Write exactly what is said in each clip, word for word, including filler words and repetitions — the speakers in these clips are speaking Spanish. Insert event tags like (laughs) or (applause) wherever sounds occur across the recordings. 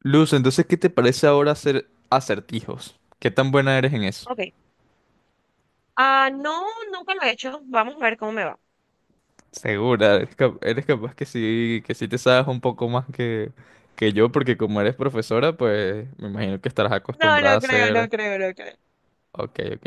Luz, entonces, ¿qué te parece ahora hacer acertijos? ¿Qué tan buena eres en eso? Ok. Ah, no, nunca lo he hecho. Vamos a ver cómo me va. Segura, eres, cap- eres capaz que sí, que sí te sabes un poco más que, que yo, porque como eres profesora, pues me imagino que estarás No, acostumbrada a no creo, no hacer. creo, no creo. Ok, ok.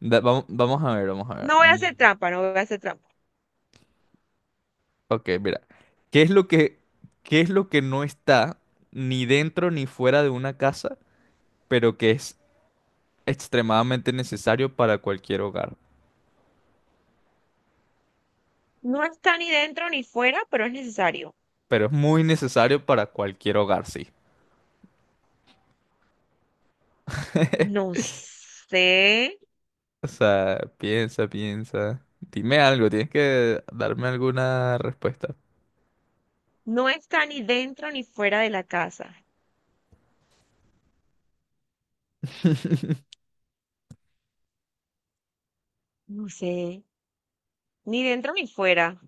Da- vamo- vamos, a ver, vamos a ver. No voy a Mm, hacer trampa, no voy a hacer trampa. Ok, mira. ¿Qué es lo que, qué es lo que no está ni dentro ni fuera de una casa, pero que es extremadamente necesario para cualquier hogar? No está ni dentro ni fuera, pero es necesario. Pero es muy necesario para cualquier hogar, sí. No sé. O sea, piensa, piensa. Dime algo, tienes que darme alguna respuesta. No está ni dentro ni fuera de la casa. (laughs) No sé. Ni dentro ni fuera.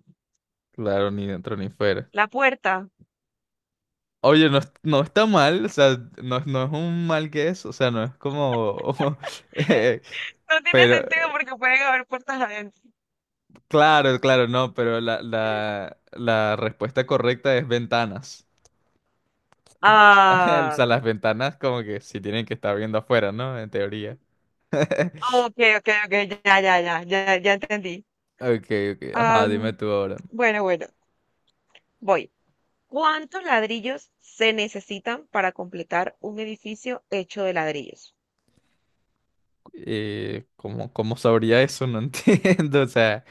Claro, ni dentro ni fuera. La puerta. Oye, no, es- no está mal, o sea, no, no es un mal que es, o sea, no es como (laughs) eh, No tiene pero, sentido porque pueden haber puertas adentro. claro, claro, no, pero la, la, la respuesta correcta es ventanas. (laughs) O Ah. sea, las ventanas como que sí tienen que estar viendo afuera, ¿no? En teoría. (laughs) Ok, ok, ok. Ya, ya, ya, ya, ya entendí. Ok, ok, ajá, dime Am, tú ahora. bueno, bueno. Voy. ¿Cuántos ladrillos se necesitan para completar un edificio hecho de ladrillos? Eh, ¿cómo, cómo sabría eso? No (laughs) entiendo. O sea,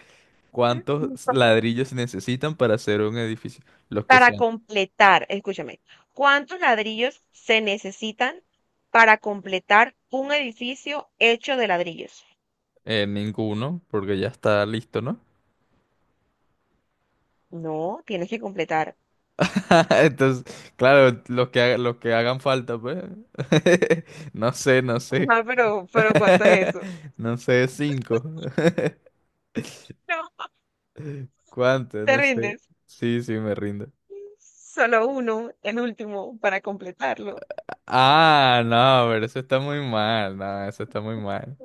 ¿cuántos (laughs) ladrillos se necesitan para hacer un edificio? Los que Para sean. completar, escúchame, ¿cuántos ladrillos se necesitan para completar un edificio hecho de ladrillos? Eh, ninguno, porque ya está listo, ¿no? No, tienes que completar. (laughs) Entonces, claro, los que, ha- los que hagan falta, pues. (laughs) No sé, no sé. Ah, pero, pero ¿cuánto es eso? (laughs) No sé, cinco. (laughs) No, ¿Cuánto? te No sé. rindes. Sí, sí, me rindo. Solo uno, el último, para completarlo. Ah, no, pero eso está muy mal. No, eso está muy mal.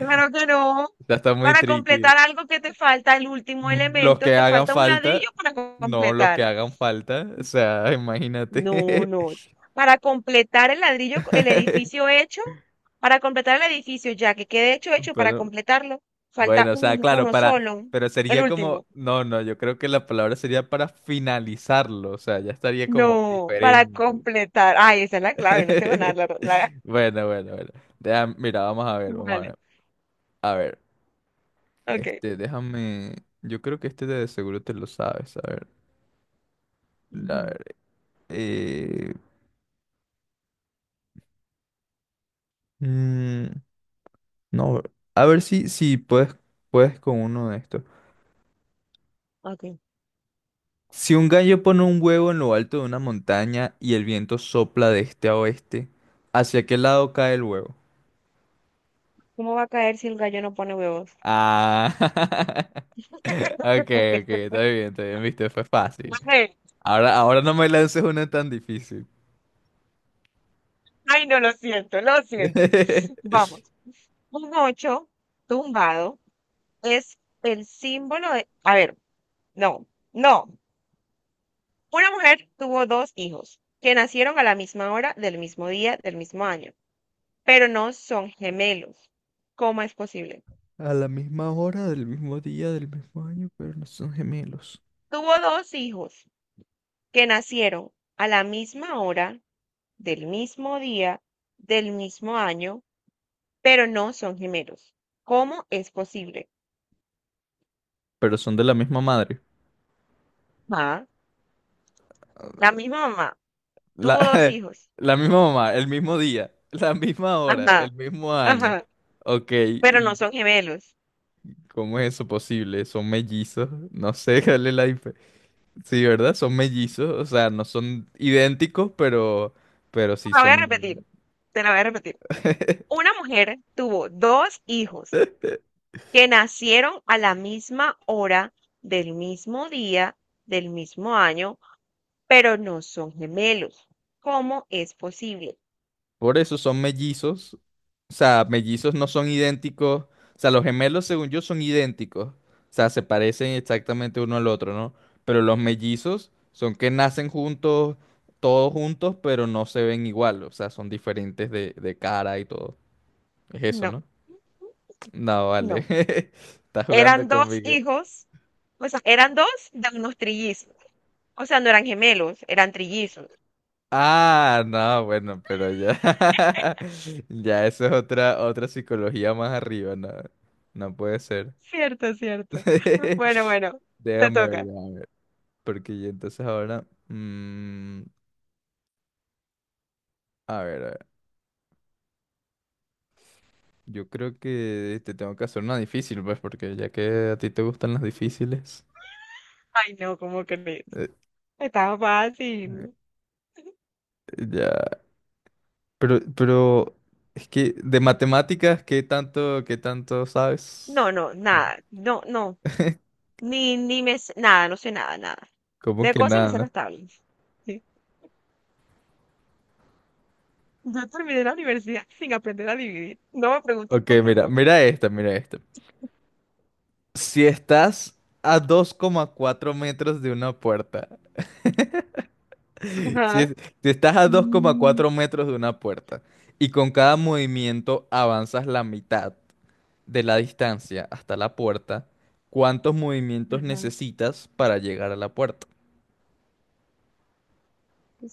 Claro que no. Ya está muy Para tricky. completar algo que te falta, el último Mm, Los elemento, que te hagan falta un falta, ladrillo para co- no los completar. que hagan falta, o sea, No, imagínate. no. Para completar el ladrillo, el edificio (laughs) hecho, para completar el edificio ya que quede hecho, hecho, para Pero, completarlo, falta bueno, o sea, un- claro, uno para, solo, pero el sería como, último. no, no, yo creo que la palabra sería para finalizarlo, o sea, ya estaría como No, para diferente. completar. Ay, esa es la clave, no te van a (laughs) dar la... la- Bueno, bueno, bueno. Deja- mira, vamos a ver, vamos a Vale, ver. A ver, ok. este, déjame, yo creo que este de seguro te lo sabes, a ver. A Ujú, ver, eh... mm, no, a ver si, si puedes, puedes con uno de estos. ok. Si un gallo pone un huevo en lo alto de una montaña y el viento sopla de este a oeste, ¿hacia qué lado cae el huevo? ¿Cómo va a caer si el gallo no pone huevos? Ah, (laughs) ok, ok, (laughs) está bien, está bien, viste, fue No fácil. sé. Ahora, ahora no me lances una tan difícil. Ay, no, lo siento, lo siento. (laughs) Vamos, un ocho tumbado es el símbolo de... A ver, no, no. Una mujer tuvo dos hijos que nacieron a la misma hora, del mismo día, del mismo año, pero no son gemelos. ¿Cómo es posible? A la misma hora, del mismo día, del mismo año, pero no son gemelos. Tuvo dos hijos que nacieron a la misma hora, del mismo día, del mismo año, pero no son gemelos. ¿Cómo es posible? Pero son de la misma madre. Ma, la misma mamá La, tuvo dos (laughs) hijos. la misma mamá, el mismo día, la misma hora, el Ajá, mismo año. ajá, Ok, pero no ¿y son gemelos. cómo es eso posible? ¿Son mellizos? No sé. (laughs) cuál es la dif- Sí, ¿verdad? Son mellizos, o sea, no son idénticos, pero, pero sí La voy a repetir, son. te la voy a repetir. (laughs) Una mujer tuvo dos hijos que nacieron a la misma hora, del mismo día, del mismo año, pero no son gemelos. ¿Cómo es posible? Por eso son mellizos. O sea, mellizos no son idénticos. O sea, los gemelos, según yo, son idénticos. O sea, se parecen exactamente uno al otro, ¿no? Pero los mellizos son que nacen juntos, todos juntos, pero no se ven igual. O sea, son diferentes de, de cara y todo. Es eso, No, ¿no? No, vale. no. (laughs) Estás jugando Eran dos conmigo. hijos, o sea, eran dos de unos trillizos. O sea, no eran gemelos, eran trillizos. Ah, no, bueno, pero ya. (laughs) (laughs) Ya, eso es otra, otra psicología más arriba, no. No puede ser. Cierto, cierto. (laughs) Bueno, bueno, te Déjame ver, toca. déjame ver, porque yo entonces ahora. mm, a ver, a ver. Yo creo que te tengo que hacer una difícil, pues, porque ya que a ti te gustan las difíciles. Ay, no, ¿cómo crees? eh, Estaba eh, fácil. ya. Pero, pero. Es que de matemáticas, ¿qué tanto, qué tanto No, sabes? no, No. nada. No, no. (laughs) Ni, ni me sé- nada, no sé nada, nada. ¿Cómo De que cosas me nada? sé No? las tablas. Sí. Yo terminé la universidad sin aprender a dividir. No me preguntes Ok, cómo mira, no. mira esta, mira esta. Si estás a dos coma cuatro metros de una puerta. Si, Ajá. es- si estás a Mm, dos coma cuatro metros de una puerta y con cada movimiento avanzas la mitad de la distancia hasta la puerta, ¿cuántos movimientos ajá. necesitas para llegar a la puerta?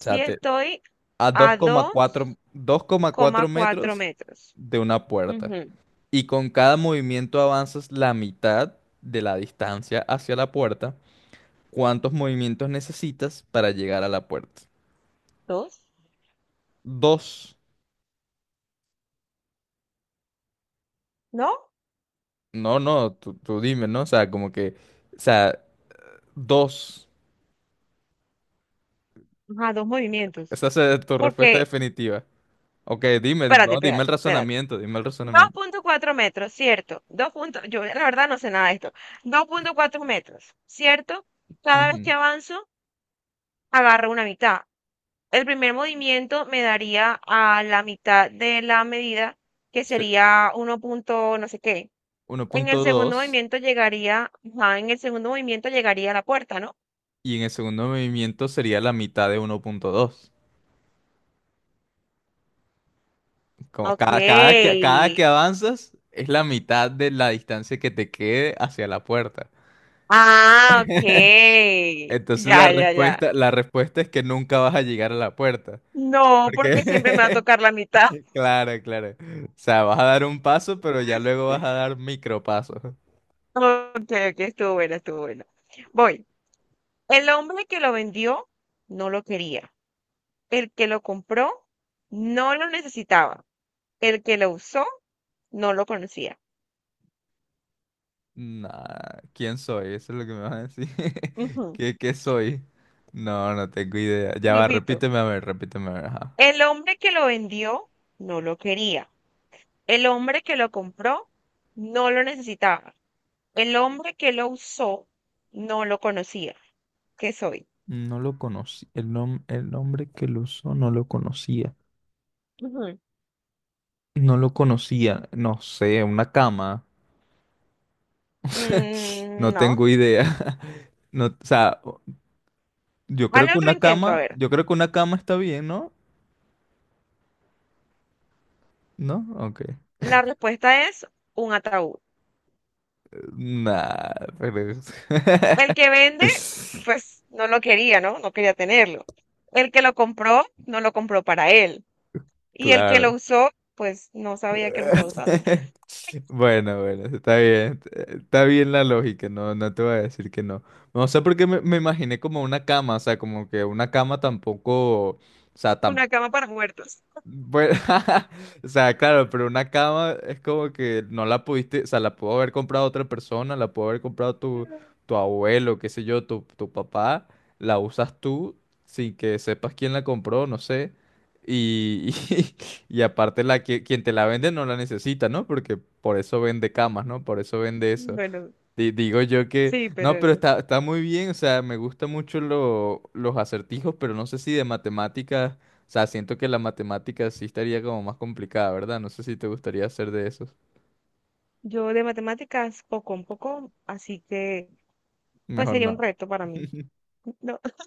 O sea, te- estoy a a 2,4 dos 2,4 coma cuatro metros metros. de una puerta Ujú. y con cada movimiento avanzas la mitad de la distancia hacia la puerta, ¿cuántos movimientos necesitas para llegar a la puerta? ¿Dos? Dos. ¿No? No, no, tú, tú dime, ¿no? O sea, como que, o sea, dos. Ajá, dos movimientos. Esa es tu respuesta Porque, definitiva. Ok, dime, di- espérate, no, dime el espérate, espérate. razonamiento, dime el dos razonamiento. punto cuatro metros, ¿cierto? Dos punto- yo la verdad no sé nada de esto. Dos punto cuatro metros, ¿cierto? Cada vez Ujú. que avanzo, agarro una mitad. El primer movimiento me daría a la mitad de la medida, que Se- sería uno punto no sé qué. En el segundo uno punto dos movimiento llegaría, ajá, en el segundo movimiento llegaría a la puerta, ¿no? y en el segundo movimiento sería la mitad de uno punto dos. Como Ok. cada, cada que, cada que avanzas es la mitad de la distancia que te quede hacia la puerta. Ah, ok. Entonces la Ya, ya, ya. respuesta, la respuesta es que nunca vas a llegar a la puerta. No, ¿Por porque siempre me va a qué? (laughs) tocar la mitad. (laughs) Claro, claro. O sea, vas a dar un paso, pero ya luego vas a (laughs) dar micropasos. (laughs) Ok, ok, estuvo buena, estuvo buena. Voy. El hombre que lo vendió no lo quería. El que lo compró no lo necesitaba. El que lo usó no lo conocía. Nah, ¿quién soy? Eso es lo que me vas a decir. (laughs) Ujú. ¿Qué, qué soy? No, no tengo idea. Ya va, Repito. repíteme a ver, repíteme a ver. Ajá. El hombre que lo vendió no lo quería. El hombre que lo compró no lo necesitaba. El hombre que lo usó no lo conocía. ¿Qué soy? No lo conocí. El nom- el nombre que lo usó no lo conocía. Ujú. No lo conocía. No sé, una cama. Mm, No no. tengo idea. (laughs) No, o sea, yo creo Hazle que otro una intento, a cama, ver. yo creo que una cama está bien, ¿no? ¿No? Ok. La respuesta es un ataúd. Nah, pero. El que (laughs) vende, (laughs) pues no lo quería, ¿no? No quería tenerlo. El que lo compró, no lo compró para él. Y el que lo Claro. usó, pues no sabía que lo estaba usando. (laughs) (laughs) Bueno, bueno, está bien. Está bien la lógica, no, no te voy a decir que no. No sé por qué me, me imaginé como una cama, o sea, como que una cama tampoco, o sea, Una cama para muertos. Bueno, (laughs) o sea, claro, pero una cama es como que no la pudiste, o sea, la pudo haber comprado otra persona, la pudo haber comprado tu, tu abuelo, qué sé yo, tu, tu papá, la usas tú sin que sepas quién la compró, no sé. Y, (laughs) y, aparte la que quien te la vende no la necesita, ¿no? Porque por eso vende camas, ¿no? (laughs) Por eso vende eso. Bueno, Di- Digo yo que, sí, no, pero pero no. está, está muy bien, o sea, me gustan mucho lo- los acertijos, pero no sé si de matemáticas, o sea, siento que la matemática sí estaría como más complicada, ¿verdad? No sé si te gustaría hacer de esos. Yo de matemáticas poco un poco, así que pues Mejor sería un no. reto para mí. (laughs)